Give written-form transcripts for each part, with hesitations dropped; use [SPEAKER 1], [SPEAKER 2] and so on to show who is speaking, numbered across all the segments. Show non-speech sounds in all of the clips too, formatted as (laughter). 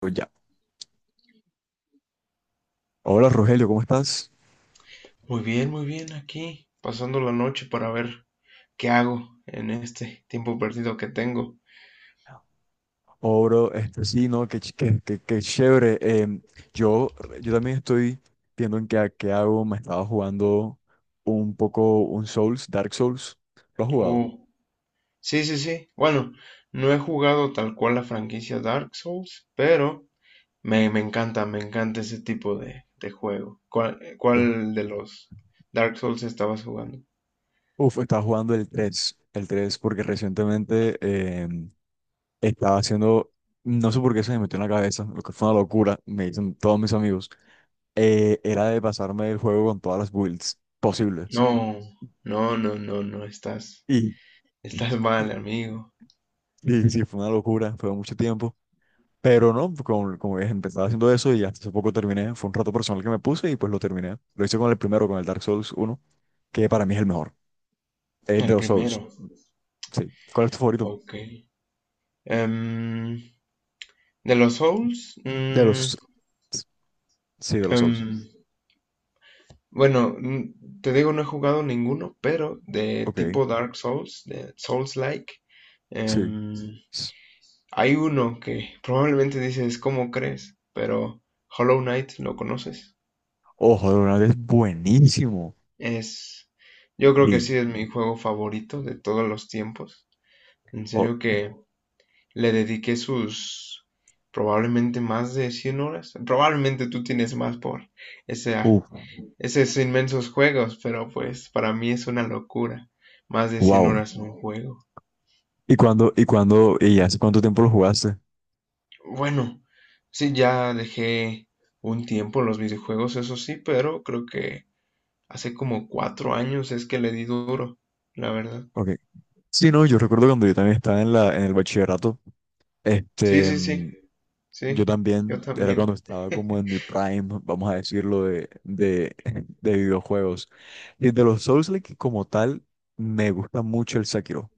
[SPEAKER 1] Pues ya. Hola Rogelio, ¿cómo estás?
[SPEAKER 2] Muy bien, aquí, pasando la noche para ver qué hago en este tiempo perdido que tengo.
[SPEAKER 1] Oh, bro, este, sí, no, qué, qué chévere. Yo, yo también estoy viendo en qué hago. Me estaba jugando un poco un Souls, Dark Souls. ¿Lo has jugado?
[SPEAKER 2] Oh, sí, sí, sí. Bueno, no he jugado tal cual la franquicia Dark Souls, pero me encanta, me encanta ese tipo de juego. ¿Cuál,
[SPEAKER 1] Te ju-
[SPEAKER 2] cuál de los Dark Souls estabas jugando?
[SPEAKER 1] Uf, estaba jugando el tres, porque recientemente em, estaba haciendo, no sé por qué se me metió en la cabeza, lo que fue una locura, me dicen todos mis amigos, era de pasarme el juego con todas las builds posibles.
[SPEAKER 2] No, no, no, no, no, estás,
[SPEAKER 1] Y,
[SPEAKER 2] estás mal, amigo.
[SPEAKER 1] Y sí, fue una locura, fue mucho tiempo. Pero no, como ves, empezaba haciendo eso y hasta hace poco terminé. Fue un rato personal que me puse y pues lo terminé. Lo hice con el primero, con el Dark Souls uno, que para mí es el mejor. Es de
[SPEAKER 2] El
[SPEAKER 1] los Souls.
[SPEAKER 2] primero.
[SPEAKER 1] Sí. ¿Cuál es tu favorito?
[SPEAKER 2] Ok. Em, de los Souls.
[SPEAKER 1] De los. Sí, de los Souls.
[SPEAKER 2] Em, Bueno, te digo, no he jugado ninguno, pero de
[SPEAKER 1] Ok,
[SPEAKER 2] tipo Dark Souls, de Souls-like,
[SPEAKER 1] sí.
[SPEAKER 2] em,
[SPEAKER 1] S-
[SPEAKER 2] hay uno que probablemente dices, ¿cómo crees? Pero Hollow Knight, ¿lo conoces?
[SPEAKER 1] Ojo, de verdad es buenísimo.
[SPEAKER 2] Es, yo creo que
[SPEAKER 1] Y.
[SPEAKER 2] sí es mi juego favorito de todos los tiempos. En
[SPEAKER 1] Oh,
[SPEAKER 2] serio que le dediqué sus probablemente más de 100 horas. Probablemente tú tienes más por esa
[SPEAKER 1] uh,
[SPEAKER 2] esos inmensos juegos, pero pues para mí es una locura. Más de 100
[SPEAKER 1] wow.
[SPEAKER 2] horas en un juego.
[SPEAKER 1] ¿Y hace cuánto tiempo lo jugaste?
[SPEAKER 2] Bueno, sí, ya dejé un tiempo los videojuegos, eso sí, pero creo que hace como 4 años es que le di duro, la verdad.
[SPEAKER 1] Ok. Sí, no, yo recuerdo cuando yo también estaba en en el bachillerato.
[SPEAKER 2] Sí,
[SPEAKER 1] Este.
[SPEAKER 2] sí, sí,
[SPEAKER 1] mm, Yo
[SPEAKER 2] sí, yo
[SPEAKER 1] también era
[SPEAKER 2] también.
[SPEAKER 1] cuando estaba como
[SPEAKER 2] (laughs)
[SPEAKER 1] en mi prime, vamos a decirlo, (laughs) de videojuegos. Y de los Souls-like como tal, me gusta mucho el Sekiro.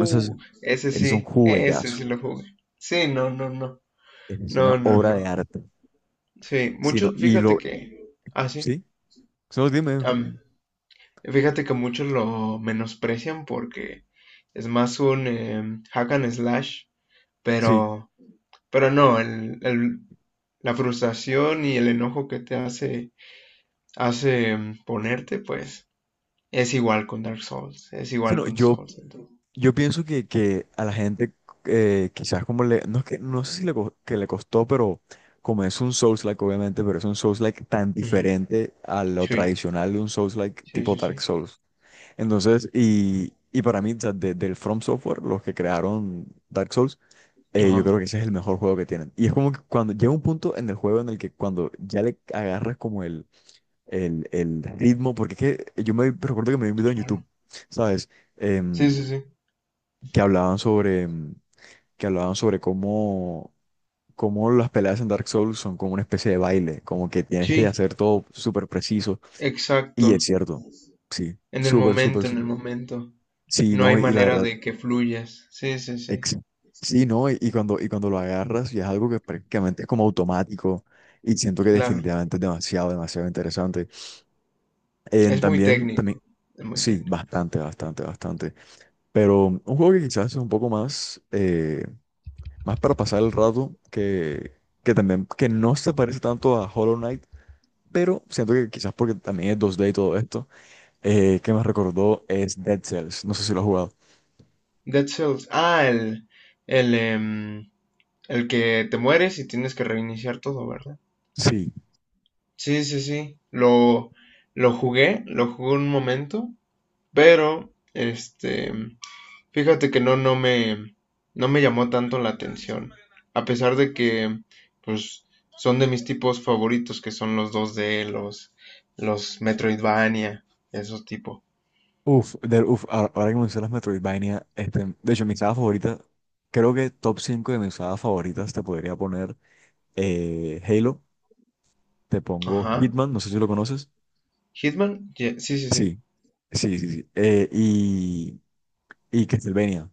[SPEAKER 1] No sé si- es un
[SPEAKER 2] ese
[SPEAKER 1] juegazo,
[SPEAKER 2] sí lo jugué. Sí, no, no, no,
[SPEAKER 1] es
[SPEAKER 2] no,
[SPEAKER 1] una
[SPEAKER 2] no,
[SPEAKER 1] obra de
[SPEAKER 2] no.
[SPEAKER 1] arte.
[SPEAKER 2] Sí,
[SPEAKER 1] Sino,
[SPEAKER 2] muchos,
[SPEAKER 1] y
[SPEAKER 2] fíjate
[SPEAKER 1] lo,
[SPEAKER 2] que, ah, sí,
[SPEAKER 1] sí, solo dime,
[SPEAKER 2] am, fíjate que muchos lo menosprecian porque es más un hack and slash,
[SPEAKER 1] sí.
[SPEAKER 2] pero, pero no, la frustración y el enojo que te hace, ponerte, pues es igual con Dark Souls, es igual
[SPEAKER 1] Sino,
[SPEAKER 2] con
[SPEAKER 1] yo,
[SPEAKER 2] Souls. Entonces.
[SPEAKER 1] yo pienso que a la gente quizás como le, no es que, no sé si le, que le costó, pero como es un Souls-like obviamente, pero es un Souls-like tan
[SPEAKER 2] Ujú.
[SPEAKER 1] diferente a lo
[SPEAKER 2] Sí,
[SPEAKER 1] tradicional de un Souls-like
[SPEAKER 2] sí,
[SPEAKER 1] tipo
[SPEAKER 2] sí,
[SPEAKER 1] Dark
[SPEAKER 2] sí.
[SPEAKER 1] Souls. Entonces, y para mí, o sea, del From Software, los que crearon Dark Souls, yo
[SPEAKER 2] Ajá.
[SPEAKER 1] creo que ese es el mejor juego que tienen. Y es como que cuando llega un punto en el juego en el que cuando ya le agarras como el ritmo, porque es que yo me recuerdo que me vi un video en YouTube, ¿sabes?
[SPEAKER 2] Sí,
[SPEAKER 1] Em,
[SPEAKER 2] sí, sí.
[SPEAKER 1] que hablaban sobre, em, que hablaban sobre cómo las peleas en Dark Souls son como una especie de baile, como que tienes que
[SPEAKER 2] Sí,
[SPEAKER 1] hacer todo súper preciso.
[SPEAKER 2] exacto.
[SPEAKER 1] Y es cierto, sí,
[SPEAKER 2] En el
[SPEAKER 1] súper, súper,
[SPEAKER 2] momento, en el
[SPEAKER 1] súper.
[SPEAKER 2] momento.
[SPEAKER 1] Sí,
[SPEAKER 2] No hay
[SPEAKER 1] no, y la
[SPEAKER 2] manera
[SPEAKER 1] verdad.
[SPEAKER 2] de que fluyas. Sí, sí, sí.
[SPEAKER 1] Ex- Sí, ¿no? Y cuando lo agarras, y es algo que prácticamente es como automático, y siento que
[SPEAKER 2] Claro.
[SPEAKER 1] definitivamente es demasiado, demasiado interesante.
[SPEAKER 2] Es muy
[SPEAKER 1] También,
[SPEAKER 2] técnico.
[SPEAKER 1] también,
[SPEAKER 2] Es muy
[SPEAKER 1] sí,
[SPEAKER 2] técnico.
[SPEAKER 1] bastante, bastante, bastante. Pero un juego que quizás es un poco más, más para pasar el rato, que también, que no se parece tanto a Hollow Knight, pero siento que quizás porque también es dos d y todo esto, que me recordó es Dead Cells. No sé si lo has jugado.
[SPEAKER 2] Dead Cells. Ah, el, em, el que te mueres y tienes que reiniciar todo, ¿verdad?
[SPEAKER 1] Sí.
[SPEAKER 2] Sí, sí, sí. Lo jugué un momento, pero este, fíjate que no me llamó tanto la atención. A pesar de que, pues, son de mis tipos favoritos, que son los 2D, los Metroidvania, esos tipos.
[SPEAKER 1] Uf, ahora que mencionas Metroidvania, de hecho, mi saga favorita, creo que top 5 de mis sagas favoritas te podría poner Halo, te pongo
[SPEAKER 2] Ajá.
[SPEAKER 1] Hitman, no sé si lo conoces.
[SPEAKER 2] Hitman, sí, sí, sí.
[SPEAKER 1] Sí, sí, sí, sí. Y Castlevania.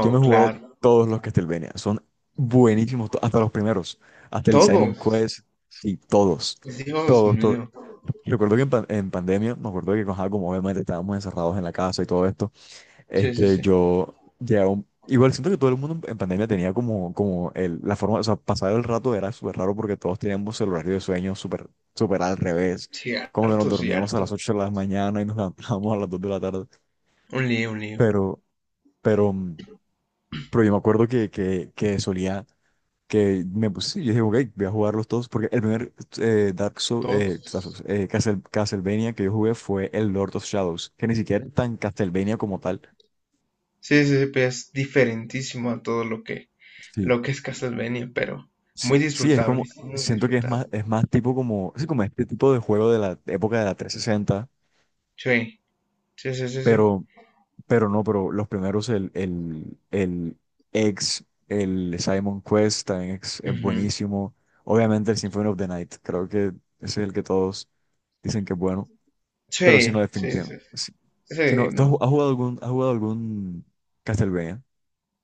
[SPEAKER 1] Yo me he jugado
[SPEAKER 2] claro.
[SPEAKER 1] todos los Castlevania, son buenísimos, hasta los primeros, hasta el Simon
[SPEAKER 2] Todos.
[SPEAKER 1] Quest, sí, todos,
[SPEAKER 2] Pues, Dios
[SPEAKER 1] todos, todos.
[SPEAKER 2] mío.
[SPEAKER 1] Recuerdo que en pandemia, me acuerdo que ajá, como obviamente estábamos encerrados en la casa y todo esto.
[SPEAKER 2] Sí, sí, sí.
[SPEAKER 1] Yo ya igual siento que todo el mundo en pandemia tenía como, como la forma, o sea, pasar el rato era súper raro porque todos teníamos el horario de sueño súper, súper al revés. Como que nos
[SPEAKER 2] Cierto,
[SPEAKER 1] dormíamos a las
[SPEAKER 2] cierto.
[SPEAKER 1] 8 de la mañana y nos (laughs) levantábamos a las 2 de la tarde.
[SPEAKER 2] Un lío, un lío.
[SPEAKER 1] Pero, pero, mm, pero yo me acuerdo que, que solía, que me puse, yo dije, ok, voy a jugarlos todos porque el primer
[SPEAKER 2] Todos.
[SPEAKER 1] Castlevania que yo jugué fue el Lord of Shadows, que ni siquiera es tan Castlevania como tal.
[SPEAKER 2] Sí, sí, sí, pues, es diferentísimo a todo lo que,
[SPEAKER 1] Sí.
[SPEAKER 2] lo que es Castlevania, pero
[SPEAKER 1] Sí, sí, es como,
[SPEAKER 2] muy
[SPEAKER 1] siento que es
[SPEAKER 2] disfrutable.
[SPEAKER 1] más, es más tipo como, sí, como este tipo de juego de la época de la 360,
[SPEAKER 2] Sí, sí, sí, sí, sí.
[SPEAKER 1] pero, no, pero los primeros, el, el X, el Simon Quest también es
[SPEAKER 2] Ujú.
[SPEAKER 1] buenísimo. Obviamente el Symphony of the Night, creo que ese es el que todos dicen que es bueno, pero si no,
[SPEAKER 2] Sí, sí, sí,
[SPEAKER 1] definitivamente. Si,
[SPEAKER 2] sí,
[SPEAKER 1] si
[SPEAKER 2] sí,
[SPEAKER 1] no, ¿tú has,
[SPEAKER 2] no.
[SPEAKER 1] ju- has jugado algún Castlevania?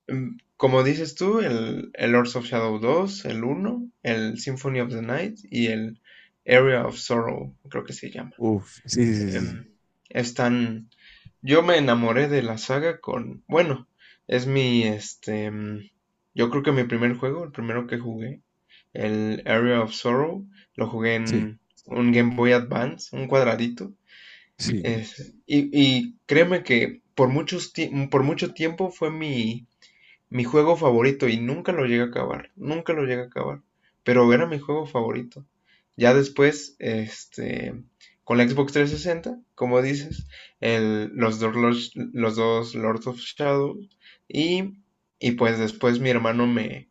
[SPEAKER 2] Como dices tú, el Lords of Shadow dos, el uno, el Symphony of the Night y el Area of Sorrow, creo que se llama.
[SPEAKER 1] Uf, sí, sí, sí, sí,
[SPEAKER 2] Em, están Yo me enamoré de la saga con, bueno, este, yo creo que mi primer juego, el primero que jugué, el Area of Sorrow, lo jugué
[SPEAKER 1] sí,
[SPEAKER 2] en un Game Boy Advance, un cuadradito.
[SPEAKER 1] sí.
[SPEAKER 2] Y créeme que por mucho tiempo fue mi juego favorito, y nunca lo llegué a acabar, nunca lo llegué a acabar, pero era mi juego favorito. Ya después, este, con la Xbox 360, como dices, el, los dos Lords of Shadow, y, y pues después mi hermano me,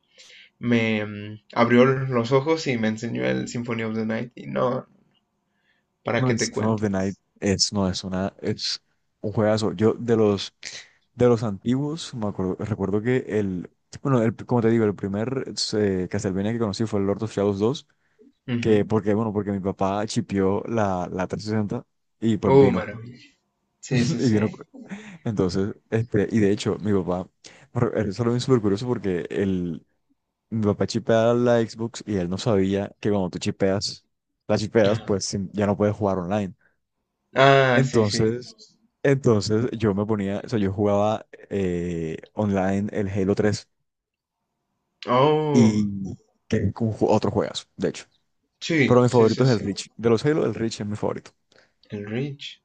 [SPEAKER 2] me mm, abrió los ojos y me enseñó el Symphony of the Night, y no, ¿para
[SPEAKER 1] No,
[SPEAKER 2] qué
[SPEAKER 1] el
[SPEAKER 2] te
[SPEAKER 1] Symphony of
[SPEAKER 2] cuento?
[SPEAKER 1] the Night no, es un juegazo. Yo, de los antiguos, recuerdo que bueno, como te digo, el primer Castlevania que conocí fue el Lord of Shadows 2, que,
[SPEAKER 2] Ujú.
[SPEAKER 1] porque, bueno, porque mi papá chipeó la 360 y pues
[SPEAKER 2] Oh,
[SPEAKER 1] vino,
[SPEAKER 2] maravilla.
[SPEAKER 1] (laughs)
[SPEAKER 2] Sí, sí,
[SPEAKER 1] y
[SPEAKER 2] sí.
[SPEAKER 1] vino. Entonces, y de hecho, mi papá, eso lo vi súper curioso porque mi papá chipea la Xbox y él no sabía que cuando tú la chipeas,
[SPEAKER 2] Ajá.
[SPEAKER 1] pues ya no puedes jugar online.
[SPEAKER 2] Ah, sí, sí.
[SPEAKER 1] Entonces, entonces yo me ponía, o sea, yo jugaba online el Halo 3,
[SPEAKER 2] Oh,
[SPEAKER 1] y que es otro juegazo, de hecho. Pero
[SPEAKER 2] sí,
[SPEAKER 1] mi
[SPEAKER 2] sí,
[SPEAKER 1] favorito
[SPEAKER 2] sí,
[SPEAKER 1] es el
[SPEAKER 2] sí.
[SPEAKER 1] Reach. De los Halo, el Reach es mi favorito.
[SPEAKER 2] El Reach.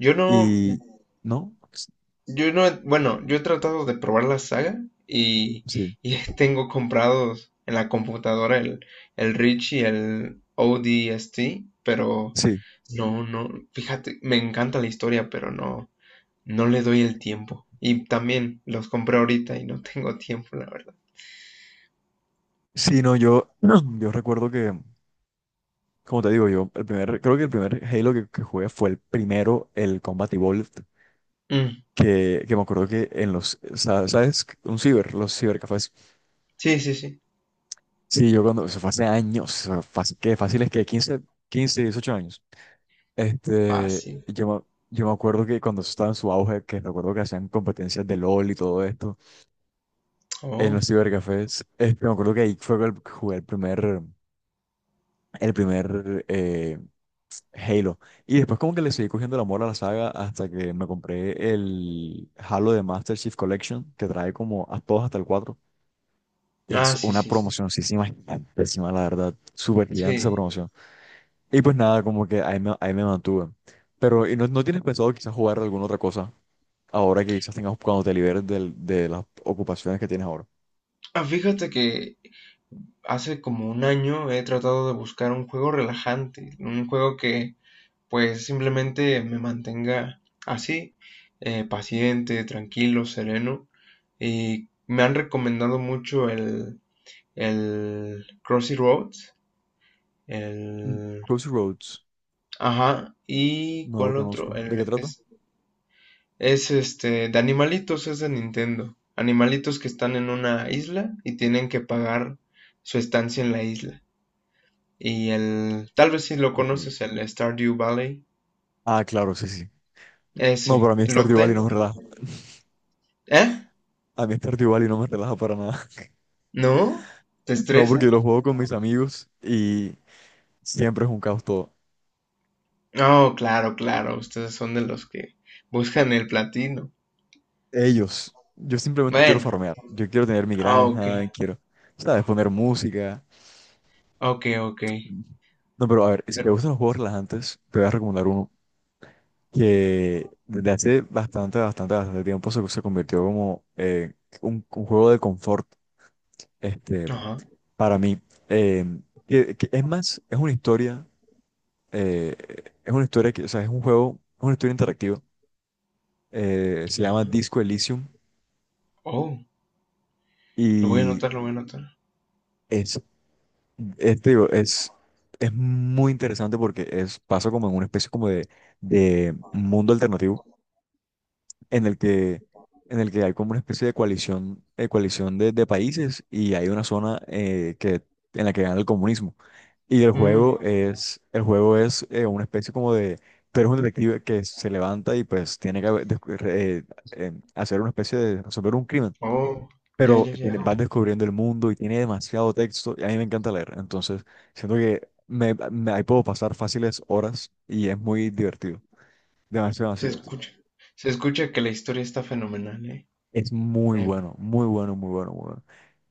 [SPEAKER 2] Yo no,
[SPEAKER 1] Y, ¿No?
[SPEAKER 2] yo no, bueno, yo he tratado de probar la saga y,
[SPEAKER 1] Sí,
[SPEAKER 2] y (laughs) tengo comprados en la computadora el Reach y el ODST, pero
[SPEAKER 1] sí.
[SPEAKER 2] no, no, fíjate, me encanta la historia, pero no, no le doy el tiempo. Y también los compré ahorita y no (laughs) tengo tiempo, la verdad.
[SPEAKER 1] Sí, no, yo, (clears throat) yo recuerdo que, como te digo, creo que el primer Halo que jugué fue el primero, el Combat Evolved,
[SPEAKER 2] Mm,
[SPEAKER 1] que me acuerdo que ¿sabes? Los cibercafés.
[SPEAKER 2] sí, sí, sí,
[SPEAKER 1] Sí, eso fue hace años, o sea, fácil, que fácil es que 15, 15, 18 años. Este,
[SPEAKER 2] fácil.
[SPEAKER 1] yo, me- yo me acuerdo que cuando eso estaba en su auge, que recuerdo que hacían competencias de LOL y todo esto en
[SPEAKER 2] Oh,
[SPEAKER 1] los cibercafés, me acuerdo que ahí fue jugué el primer Halo. Y después como que le seguí cogiendo el amor a la saga hasta que me compré el Halo de Master Chief Collection, que trae como a todos hasta el 4.
[SPEAKER 2] ah,
[SPEAKER 1] Es
[SPEAKER 2] sí,
[SPEAKER 1] una
[SPEAKER 2] sí, sí,
[SPEAKER 1] promocioncísima, gigantísima, la verdad, súper gigante esa
[SPEAKER 2] sí.
[SPEAKER 1] promoción. Y pues nada, como que ahí me mantuve. Pero, ¿y no tienes pensado quizás jugar alguna otra cosa ahora que quizás tengas cuando te liberes de las ocupaciones que tienes ahora?
[SPEAKER 2] Ah, fíjate que hace como un año he tratado de buscar un juego relajante, un juego que pues simplemente me mantenga así, paciente, tranquilo, sereno. Y me han recomendado mucho el Crossy Roads, el...
[SPEAKER 1] Crossroads,
[SPEAKER 2] ¿Ajá, y
[SPEAKER 1] no lo
[SPEAKER 2] cuál otro?
[SPEAKER 1] conozco. ¿De qué trata?
[SPEAKER 2] Es este, de animalitos, es de Nintendo. Animalitos que están en una isla y tienen que pagar su estancia en la isla. Y tal vez si lo
[SPEAKER 1] Ok.
[SPEAKER 2] conoces, el Stardew Valley.
[SPEAKER 1] Ah, claro, sí, sí. No,
[SPEAKER 2] Ese,
[SPEAKER 1] pero a mí
[SPEAKER 2] lo
[SPEAKER 1] Stardew Valley no me
[SPEAKER 2] tengo.
[SPEAKER 1] relaja.
[SPEAKER 2] ¿Eh?
[SPEAKER 1] A mí Stardew Valley no me relaja para nada. (laughs)
[SPEAKER 2] ¿No? ¿Te
[SPEAKER 1] No, porque
[SPEAKER 2] estresa?
[SPEAKER 1] yo lo juego con mis amigos y siempre es un caos todo.
[SPEAKER 2] Oh, claro, claro. Ustedes son de los que buscan el platino.
[SPEAKER 1] Ellos, yo simplemente quiero
[SPEAKER 2] Bueno,
[SPEAKER 1] farmear. Yo quiero tener mi
[SPEAKER 2] ah, ok,
[SPEAKER 1] granja, quiero, ¿sabes? Poner música.
[SPEAKER 2] ok, ok.
[SPEAKER 1] No, pero a ver, si te
[SPEAKER 2] Pero-
[SPEAKER 1] gustan los juegos relajantes, te voy a recomendar uno que desde hace bastante, bastante, bastante tiempo se convirtió como un juego de confort, este,
[SPEAKER 2] Ajá,
[SPEAKER 1] para mí. Eh, que es más, es una historia, eh, que, o sea, es una historia interactiva. Se llama
[SPEAKER 2] ajá.
[SPEAKER 1] Disco Elysium
[SPEAKER 2] Oh, lo voy a
[SPEAKER 1] y
[SPEAKER 2] anotar, lo voy a anotar.
[SPEAKER 1] es, te digo, es muy interesante porque pasa como en una especie como de mundo alternativo en el que, en el que hay como una especie de coalición, coalición de países y hay una zona en la que gana el comunismo. Y el
[SPEAKER 2] Mm,
[SPEAKER 1] juego es, el juego es una especie como pero es un detective que se levanta y pues tiene que haber hacer una especie de resolver un crimen.
[SPEAKER 2] oh, ya,
[SPEAKER 1] Pero
[SPEAKER 2] ya, ya. Ya.
[SPEAKER 1] vas descubriendo el mundo y tiene demasiado texto y a mí me encanta leer. Entonces, siento que ahí puedo pasar fáciles horas y es muy divertido. Demasiado,
[SPEAKER 2] Se
[SPEAKER 1] demasiado divertido.
[SPEAKER 2] escucha. Se escucha que la historia está fenomenal, ¿eh?
[SPEAKER 1] Es muy
[SPEAKER 2] Em,
[SPEAKER 1] bueno, muy bueno, muy bueno, muy bueno.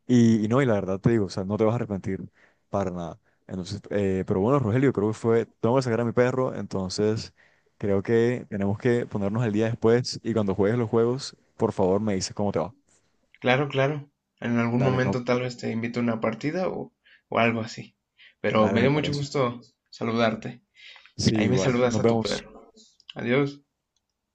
[SPEAKER 1] Y no, y la verdad te digo, o sea, no te vas a arrepentir para nada. Entonces, pero bueno, Rogelio, tengo que sacar a mi perro, entonces creo que tenemos que ponernos al día después y cuando juegues los juegos, por favor me dices cómo te va.
[SPEAKER 2] Claro, claro. En algún
[SPEAKER 1] Dale, no,
[SPEAKER 2] momento tal vez te invito a una partida o algo así. Pero
[SPEAKER 1] dale,
[SPEAKER 2] me
[SPEAKER 1] me
[SPEAKER 2] dio mucho
[SPEAKER 1] parece.
[SPEAKER 2] gusto saludarte.
[SPEAKER 1] Sí,
[SPEAKER 2] Ahí me
[SPEAKER 1] igual,
[SPEAKER 2] saludas
[SPEAKER 1] nos
[SPEAKER 2] a tu
[SPEAKER 1] vemos.
[SPEAKER 2] perro. Adiós.